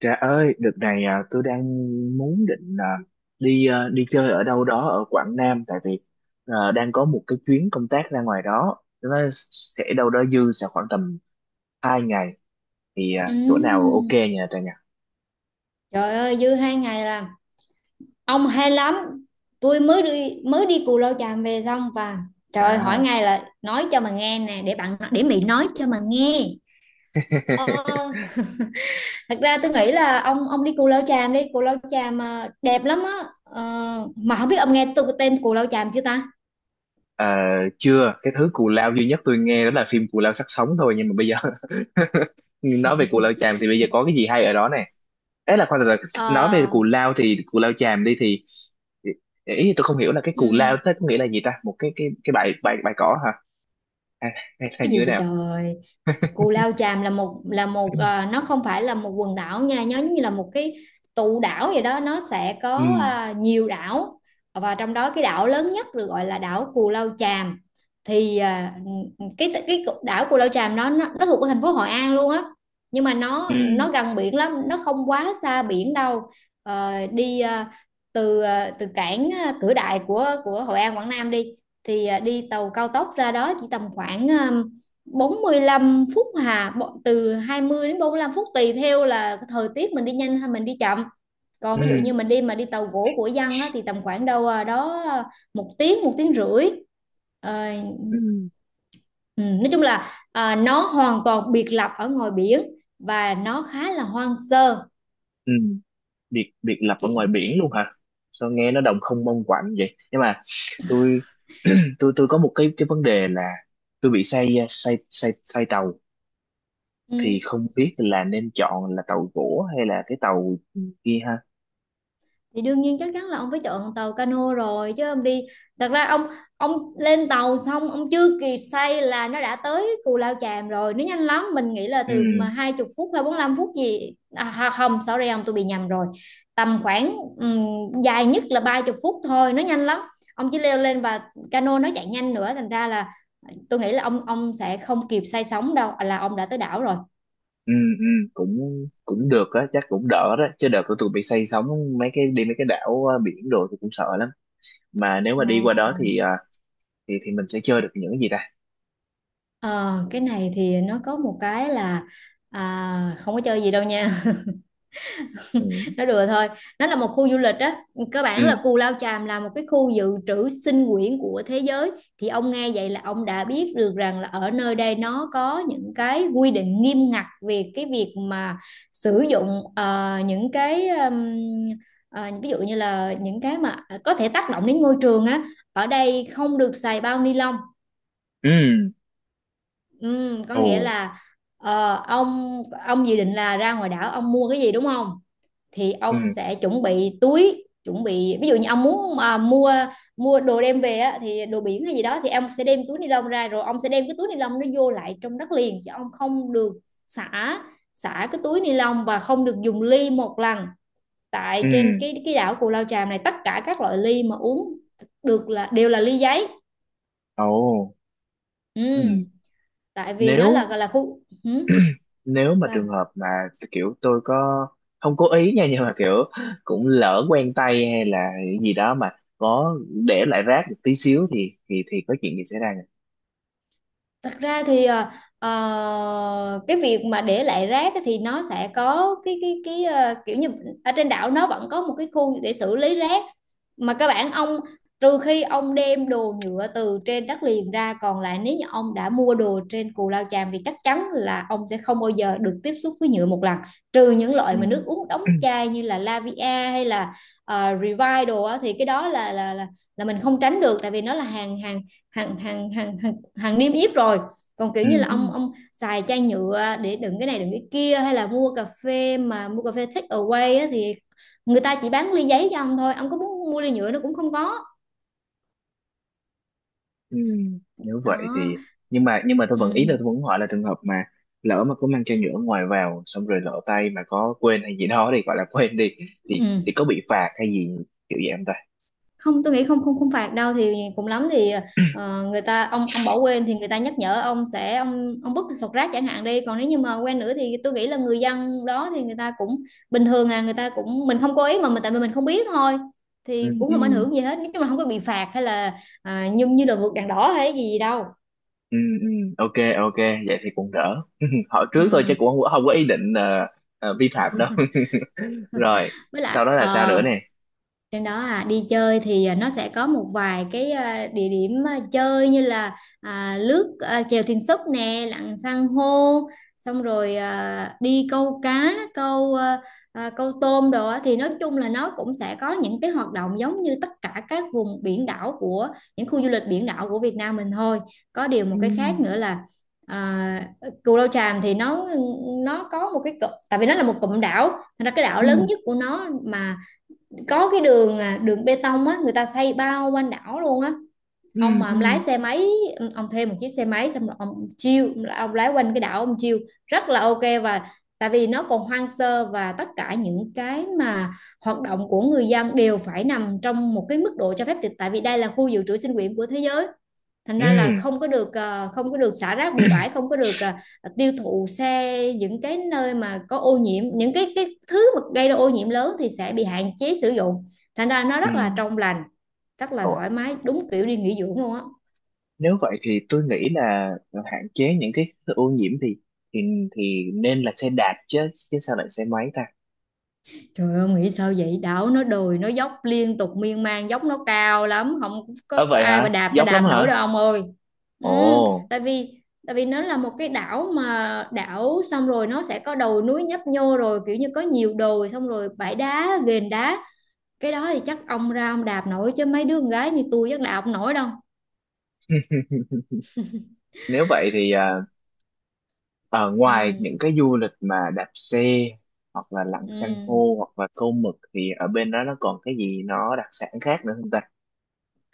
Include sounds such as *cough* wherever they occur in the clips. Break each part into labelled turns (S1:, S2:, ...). S1: Trà ơi, đợt này tôi đang muốn định đi chơi ở đâu đó ở Quảng Nam, tại vì đang có một cái chuyến công tác ra ngoài đó, nó sẽ đâu đó dư sẽ khoảng tầm 2 ngày, thì chỗ nào ok
S2: Ừm,
S1: nhờ Trà nhỉ?
S2: Trời ơi dư 2 ngày là ông hay lắm. Tôi mới đi Cù Lao Chàm về xong. Và trời ơi hỏi
S1: À.
S2: ngay là nói cho mà nghe nè, để bạn, để Mỹ nói cho mà nghe.
S1: *laughs*
S2: ờ, Thật ra tôi nghĩ là ông đi Cù Lao Chàm đi Cù Lao Chàm à, đẹp lắm á. Ờ, mà không biết ông nghe tôi tên Cù Lao Chàm chưa ta.
S1: Ờ, chưa. Cái thứ cù lao duy nhất tôi nghe đó là phim Cù Lao Xác Sống thôi, nhưng mà bây giờ *laughs* nói về Cù Lao Chàm thì bây giờ có cái gì hay ở đó nè? Ấy là khoan, từ từ. Nói về
S2: Ờ,
S1: cù lao thì Cù Lao Chàm đi, thì ý thì tôi không hiểu là cái cù
S2: ừm,
S1: lao thế có nghĩa là gì ta, một cái bãi bãi bãi cỏ hả, hay, hay là
S2: cái
S1: như
S2: gì
S1: thế
S2: vậy
S1: nào?
S2: trời? Cù Lao Chàm là
S1: *clears throat*
S2: nó không phải là một quần đảo nha, nhớ, như là một cái tụ đảo vậy đó. Nó sẽ
S1: Ừ.
S2: có nhiều đảo, và trong đó cái đảo lớn nhất được gọi là đảo Cù Lao Chàm. Thì à, cái cái đảo Cù Lao Chàm đó nó thuộc của thành phố Hội An luôn á. Nhưng mà nó
S1: Ừ.
S2: gần biển lắm, nó không quá xa biển đâu. Ờ, đi à, từ à, Từ cảng Cửa Đại của Hội An Quảng Nam đi, đi tàu cao tốc ra đó chỉ tầm khoảng 45 phút hà, từ 20 đến 45 phút tùy theo là thời tiết mình đi nhanh hay mình đi chậm. Còn ví dụ như
S1: Ừ.
S2: mình đi mà đi tàu gỗ của dân á, thì tầm khoảng đâu đó một tiếng, một tiếng rưỡi. Ờ,
S1: Ừ.
S2: ừ, nói chung là nó hoàn toàn biệt lập ở ngoài biển, và nó khá là hoang sơ,
S1: Ừ. biệt biệt lập ở ngoài
S2: kiểu,
S1: biển luôn hả? Sao nghe nó đồng không mông quạnh vậy, nhưng mà tôi tôi có một cái vấn đề là tôi bị say say say say tàu,
S2: ừ.
S1: thì không biết là nên chọn là tàu gỗ hay là cái tàu kia ha.
S2: Thì đương nhiên chắc chắn là ông phải chọn tàu cano rồi, chứ ông đi, thật ra ông lên tàu xong ông chưa kịp say là nó đã tới Cù Lao Chàm rồi, nó nhanh lắm. Mình nghĩ là
S1: Ừ.
S2: từ 20 phút hay 45 phút gì không, sorry ông, tôi bị nhầm rồi. Tầm khoảng dài nhất là 30 phút thôi, nó nhanh lắm. Ông chỉ leo lên và cano nó chạy nhanh nữa, thành ra là tôi nghĩ là ông sẽ không kịp say sóng đâu là ông đã tới đảo rồi.
S1: Ừ. Ừ. cũng cũng được á, chắc cũng đỡ đó chứ, đợt của tôi bị say sóng mấy cái đảo, ờ, biển đồ tôi cũng sợ lắm, mà nếu mà
S2: Ờ.
S1: đi qua đó thì ờ, thì mình sẽ chơi được những cái gì ta?
S2: Ờ, cái này thì nó có một cái là không có chơi gì đâu nha,
S1: Ừ.
S2: *laughs* nó đùa thôi. Nó là một khu du lịch á, cơ bản
S1: Ừ.
S2: là Cù Lao Chàm là một cái khu dự trữ sinh quyển của thế giới. Thì ông nghe vậy là ông đã biết được rằng là ở nơi đây nó có những cái quy định nghiêm ngặt về cái việc mà sử dụng những cái ví dụ như là những cái mà có thể tác động đến môi trường á, ở đây không được xài bao ni lông.
S1: Ừ.
S2: Ừ, có
S1: Ồ.
S2: nghĩa là ông dự định là ra ngoài đảo ông mua cái gì, đúng không? Thì
S1: Ừ.
S2: ông sẽ chuẩn bị túi, chuẩn bị ví dụ như ông muốn mà mua mua đồ đem về á, thì đồ biển hay gì đó, thì ông sẽ đem túi ni lông ra rồi ông sẽ đem cái túi ni lông nó vô lại trong đất liền, chứ ông không được xả xả cái túi ni lông, và không được dùng ly một lần. Tại
S1: Ừ.
S2: trên cái đảo Cù Lao Chàm này, tất cả các loại ly mà uống được là đều là ly giấy.
S1: Ồ.
S2: Ừ,
S1: Ừ.
S2: tại vì nó
S1: nếu
S2: là khu, ừ,
S1: nếu mà
S2: sao?
S1: trường hợp mà kiểu tôi có không cố ý nha, nhưng mà kiểu cũng lỡ quen tay hay là gì đó mà có để lại rác một tí xíu thì có chuyện gì xảy ra nhỉ?
S2: Thật ra thì cái việc mà để lại rác á thì nó sẽ có cái kiểu như ở trên đảo nó vẫn có một cái khu để xử lý rác mà các bạn ông, trừ khi ông đem đồ nhựa từ trên đất liền ra, còn lại nếu như ông đã mua đồ trên Cù Lao Chàm thì chắc chắn là ông sẽ không bao giờ được tiếp xúc với nhựa một lần, trừ những loại
S1: Ừ.
S2: mà nước uống đóng
S1: *clears throat*
S2: chai như là Lavia hay là Revive đồ á, thì cái đó là là mình không tránh được, tại vì nó là hàng hàng hàng hàng hàng hàng niêm yết rồi. Còn kiểu
S1: Ừ.
S2: như là ông
S1: Ừ.
S2: ông xài chai nhựa để đựng cái này đựng cái kia, hay là mua cà phê take away á, thì người ta chỉ bán ly giấy cho ông thôi, ông có muốn mua ly nhựa nó cũng không có,
S1: Ừ. Nếu vậy
S2: đó.
S1: thì, nhưng mà tôi vẫn, ý
S2: Ừ.
S1: là tôi vẫn hỏi là trường hợp mà lỡ mà có mang chai nhựa ngoài vào xong rồi lỡ tay mà có quên hay gì đó thì gọi là quên đi, thì
S2: Ừ.
S1: thì có bị phạt hay gì kiểu vậy không ta?
S2: Không, tôi nghĩ không, không phạt đâu. Thì cùng lắm thì người ta, ông bỏ quên thì người ta nhắc nhở ông sẽ, ông vứt sọt rác chẳng hạn đi. Còn nếu như mà quên nữa thì tôi nghĩ là người dân đó thì người ta cũng bình thường à, người ta cũng, mình không cố ý mà, mình tại vì mình không biết thôi,
S1: Ừ.
S2: thì cũng
S1: Ừ.
S2: không ảnh hưởng gì hết, nói chung là không có bị phạt hay là như như là vượt đèn đỏ hay gì đâu.
S1: Ừ. Ừ. Ok, ok, vậy thì cũng đỡ. *laughs* Hỏi trước thôi chứ
S2: Ừ.
S1: cũng không có ý định vi phạm đâu. *laughs* Rồi,
S2: *laughs* Với lại
S1: sau đó là sao nữa nè?
S2: trên đó à đi chơi thì nó sẽ có một vài cái địa điểm chơi như là lướt chèo thuyền súp nè, lặn san hô, xong rồi đi câu cá, câu tôm đồ á. Thì nói chung là nó cũng sẽ có những cái hoạt động giống như tất cả các vùng biển đảo của những khu du lịch biển đảo của Việt Nam mình thôi. Có điều một
S1: Ừ.
S2: cái khác nữa là À, Cù Lao Chàm thì nó có một cái cụm, tại vì nó là một cụm đảo. Thành ra cái đảo
S1: Ừ.
S2: lớn nhất của nó mà có cái đường bê tông á, người ta xây bao quanh đảo luôn á.
S1: Ừ.
S2: Ông mà ông lái
S1: Ừ.
S2: xe máy, ông thuê một chiếc xe máy xong rồi ông chiêu, ông lái quanh cái đảo ông chiêu, rất là ok. Và tại vì nó còn hoang sơ, và tất cả những cái mà hoạt động của người dân đều phải nằm trong một cái mức độ cho phép, tại vì đây là khu dự trữ sinh quyển của thế giới. Thành
S1: Ừ.
S2: ra là không có được không có được xả rác bừa bãi,
S1: *clears throat*
S2: không có được tiêu thụ xe, những cái nơi mà có ô nhiễm, những cái thứ mà gây ra ô nhiễm lớn thì sẽ bị hạn chế sử dụng. Thành ra nó
S1: Ừ.
S2: rất là trong lành, rất là
S1: Ủa,
S2: thoải mái, đúng kiểu đi nghỉ dưỡng luôn á.
S1: nếu vậy thì tôi nghĩ là hạn chế những cái ô nhiễm thì thì nên là xe đạp chứ chứ sao lại xe máy ta?
S2: Trời ơi nghĩ sao vậy, đảo nó đồi, nó dốc liên tục miên man, dốc nó cao lắm, không có,
S1: Ờ,
S2: có
S1: vậy
S2: ai mà
S1: hả?
S2: đạp xe
S1: Dốc lắm
S2: đạp nổi đâu
S1: hả?
S2: ông ơi.
S1: Ồ.
S2: Ừ, tại vì nó là một cái đảo, mà đảo xong rồi nó sẽ có đồi núi nhấp nhô, rồi kiểu như có nhiều đồi, xong rồi bãi đá, ghềnh đá. Cái đó thì chắc ông ra ông đạp nổi, chứ mấy đứa con gái như tôi chắc đạp không nổi đâu.
S1: *laughs* Nếu vậy thì, ở
S2: Ừ,
S1: ngoài những cái du lịch mà đạp xe hoặc là lặn
S2: ừ.
S1: san hô hoặc là câu mực thì ở bên đó nó còn cái gì nó đặc sản khác nữa không ta?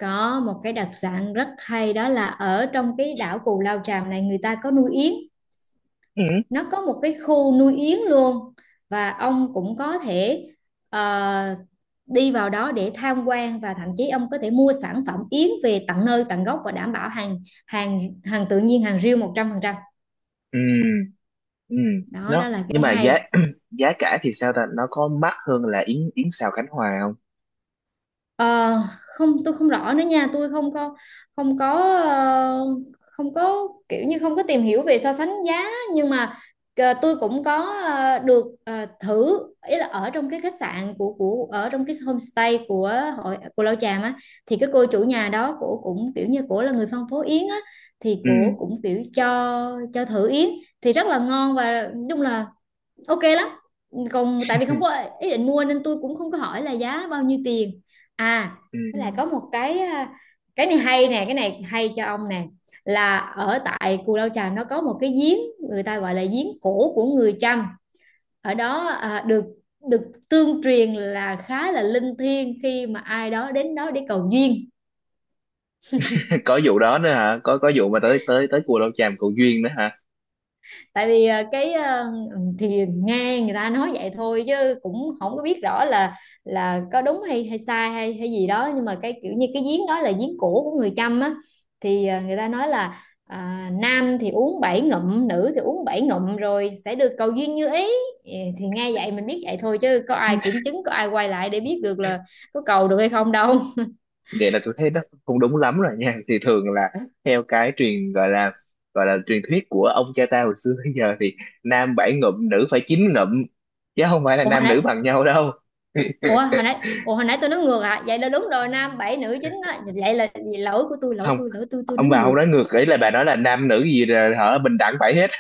S2: Có một cái đặc sản rất hay đó là ở trong cái đảo Cù Lao Chàm này người ta có nuôi yến.
S1: Ừ.
S2: Nó có một cái khu nuôi yến luôn, và ông cũng có thể ờ, đi vào đó để tham quan, và thậm chí ông có thể mua sản phẩm yến về tận nơi tận gốc và đảm bảo hàng hàng hàng tự nhiên, hàng riêu 100%.
S1: Ừ. Ừ.
S2: Đó đó
S1: Nó,
S2: là
S1: nhưng
S2: cái
S1: mà giá
S2: hay.
S1: *clears throat* giá cả thì sao ta? Nó có mắc hơn là yến yến xào Khánh Hòa không?
S2: Ờ, không, tôi không rõ nữa nha, tôi không có, không có, ờ, không có kiểu như không có tìm hiểu về so sánh giá. Nhưng mà tôi cũng có thử, ý là ở trong cái khách sạn của ở trong cái homestay của hội của Lao Chàm á, thì cái cô chủ nhà đó của cũng kiểu như của là người phân phối yến á, thì
S1: Ừ.
S2: của cũng kiểu cho thử yến, thì rất là ngon và đúng là ok lắm. Còn tại vì không có
S1: *laughs*
S2: ý định mua nên tôi cũng không có hỏi là giá bao nhiêu tiền à.
S1: Ừ.
S2: Với lại có một cái cái này hay nè, cái này hay cho ông nè, là ở tại Cù Lao Chàm nó có một cái giếng, người ta gọi là giếng cổ của người Chăm. Ở đó à, được được tương truyền là khá là linh thiêng khi mà ai đó đến đó để cầu duyên.
S1: *laughs* Có vụ đó nữa hả? Có vụ mà tới tới tới Cù Lao Chàm cầu duyên nữa hả?
S2: Tại vì thì nghe người ta nói vậy thôi, chứ cũng không có biết rõ là có đúng hay hay sai hay hay gì đó. Nhưng mà cái kiểu như cái giếng đó là giếng cổ của người Chăm á, thì người ta nói là nam thì uống 7 ngụm, nữ thì uống 7 ngụm rồi sẽ được cầu duyên như ý. Ừ, thì nghe vậy mình biết vậy thôi, chứ có ai kiểm chứng, có ai quay lại để biết được là có cầu được hay không đâu.
S1: Vậy là tôi thấy nó không đúng lắm rồi nha, thì thường là theo cái truyền, gọi là truyền thuyết của ông cha ta hồi xưa, bây giờ thì nam 7 ngụm nữ phải 9 ngụm chứ không phải là
S2: Ủa hồi
S1: nam
S2: nãy
S1: nữ bằng nhau đâu.
S2: ủa hồi nãy ủa hồi nãy tôi nói ngược à, vậy là đúng rồi, nam bảy nữ chín á, vậy là lỗi của tôi, lỗi
S1: Không,
S2: tôi lỗi tôi tôi
S1: ông
S2: nói
S1: bà không
S2: ngược.
S1: nói ngược, ý là bà nói là nam nữ gì là hả bình đẳng phải hết.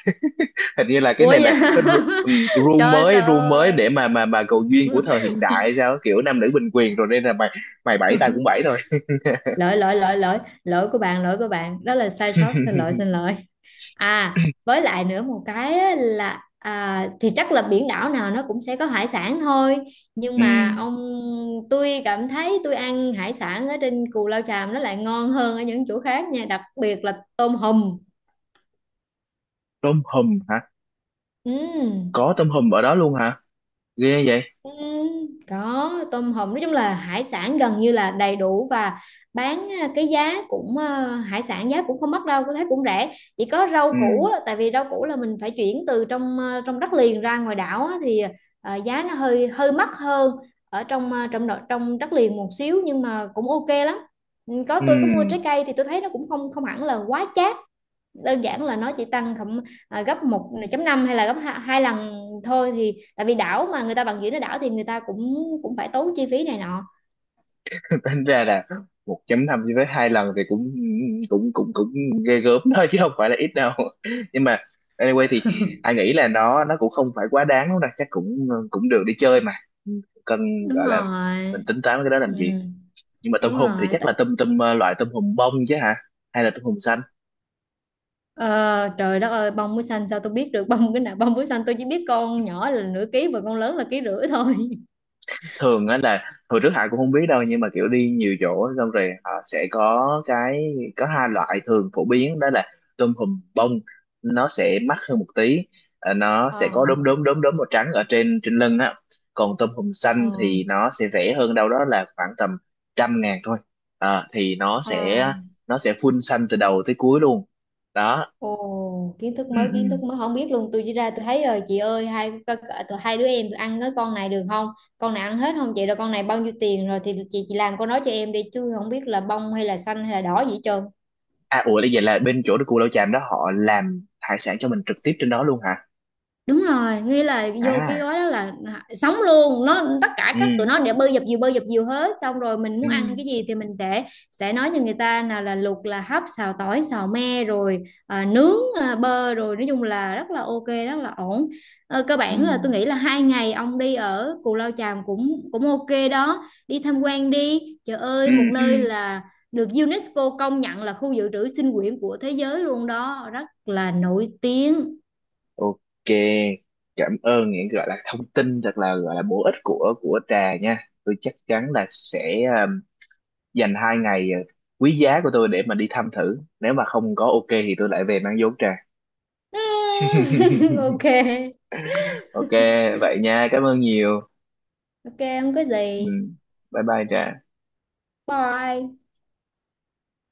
S1: *laughs* Hình như là cái
S2: Ủa
S1: này
S2: dạ
S1: là
S2: *laughs*
S1: rule
S2: trời
S1: mới
S2: trời
S1: rule mới để
S2: ơi.
S1: mà cầu duyên của thời hiện đại hay sao, kiểu nam nữ bình quyền rồi nên là mày mày bảy tao cũng bảy rồi.
S2: Lỗi lỗi lỗi lỗi lỗi của bạn đó là sai sót, xin lỗi xin
S1: *laughs*
S2: lỗi. À với lại nữa một cái á là thì chắc là biển đảo nào nó cũng sẽ có hải sản thôi, nhưng
S1: Ừ.
S2: mà ông, tôi cảm thấy tôi ăn hải sản ở trên Cù Lao Chàm nó lại ngon hơn ở những chỗ khác nha, đặc biệt là tôm hùm.
S1: Tôm hùm hả?
S2: Ừ.
S1: Có tôm hùm ở đó luôn hả? Ghê vậy.
S2: Ừ, có tôm hùm, nói chung là hải sản gần như là đầy đủ, và bán cái giá cũng hải sản giá cũng không mắc đâu, có thấy cũng rẻ. Chỉ có rau củ
S1: Ừ.
S2: á, tại vì rau củ là mình phải chuyển từ trong trong đất liền ra ngoài đảo á, thì giá nó hơi hơi mắc hơn ở trong trong nội- trong đất liền một xíu, nhưng mà cũng ok lắm. Ừ, có tôi có mua trái
S1: Ừ.
S2: cây thì tôi thấy nó cũng không không hẳn là quá chát, đơn giản là nó chỉ tăng khoảng gấp 1.5 hay là gấp hai lần thôi, thì tại vì đảo mà người ta bằng dưỡng nó đảo thì người ta cũng cũng phải tốn chi phí này nọ.
S1: Tính ra là 1,5 cho tới 2 lần thì cũng cũng cũng cũng ghê gớm thôi chứ không phải là ít đâu. *laughs* Nhưng mà anyway thì anh nghĩ là nó cũng không phải quá đáng đâu nè, chắc cũng cũng được đi chơi mà, cần
S2: Đúng
S1: gọi là mình
S2: rồi.
S1: tính toán cái đó làm gì.
S2: Ừ,
S1: Nhưng mà tôm
S2: đúng
S1: hùm thì
S2: rồi.
S1: chắc
S2: Tại-
S1: là tôm tôm ờ, loại tôm hùm bông chứ hả, hay là tôm hùm xanh?
S2: Ờ, trời đất ơi, bông muối xanh sao tôi biết được, bông cái nào bông muối xanh, tôi chỉ biết con nhỏ là nửa ký và con lớn là ký rưỡi thôi. *laughs*
S1: Thường á là hồi trước Hải cũng không biết đâu, nhưng mà kiểu đi nhiều chỗ xong rồi họ sẽ có hai loại thường phổ biến đó là tôm hùm bông, nó sẽ mắc hơn một tí, nó
S2: Ờ.
S1: sẽ có đốm đốm đốm đốm màu trắng ở trên trên lưng á, còn tôm hùm xanh
S2: Ờ.
S1: thì nó sẽ rẻ hơn đâu đó là khoảng tầm 100.000 thôi, thì nó
S2: Ờ.
S1: sẽ nó sẽ full xanh từ đầu tới cuối luôn đó.
S2: Ồ, kiến thức
S1: Ừ,
S2: mới,
S1: ừ.
S2: kiến thức mới, không biết luôn. Tôi chỉ ra tôi thấy rồi chị ơi, hai tụi, hai đứa em tụi ăn cái con này được không? Con này ăn hết không chị? Rồi con này bao nhiêu tiền rồi thì chị làm con đó cho em đi, chứ không biết là bông hay là xanh hay là đỏ gì hết trơn.
S1: À, ủa bây là bên chỗ của Lão Chàm đó họ làm hải sản cho mình trực tiếp trên đó luôn hả?
S2: Đúng rồi, nghĩa là vô cái
S1: À.
S2: gói đó là sống luôn nó, tất cả
S1: Ừ.
S2: các tụi nó để bơi dập dìu, bơi dập dìu hết, xong rồi mình
S1: Ừ.
S2: muốn ăn cái gì thì mình sẽ nói cho người ta nào là luộc, là hấp, xào tỏi, xào me, rồi nướng bơ, rồi nói chung là rất là ok, rất là ổn. Ờ, cơ
S1: Ừ.
S2: bản là tôi nghĩ là 2 ngày ông đi ở Cù Lao Chàm cũng cũng ok đó, đi tham quan đi, trời
S1: Ừ.
S2: ơi một
S1: Ừ.
S2: nơi là được UNESCO công nhận là khu dự trữ sinh quyển của thế giới luôn đó, rất là nổi tiếng.
S1: Ok, cảm ơn những gọi là thông tin thật là gọi là bổ ích của Trà nha, tôi chắc chắn là sẽ dành 2 ngày quý giá của tôi để mà đi thăm thử, nếu mà không có ok thì tôi lại về mang vốn Trà.
S2: *laughs*
S1: *laughs*
S2: Ok,
S1: Ok, vậy nha, cảm ơn nhiều.
S2: ok, không có
S1: Ừ.
S2: gì.
S1: Bye bye Trà.
S2: Bye.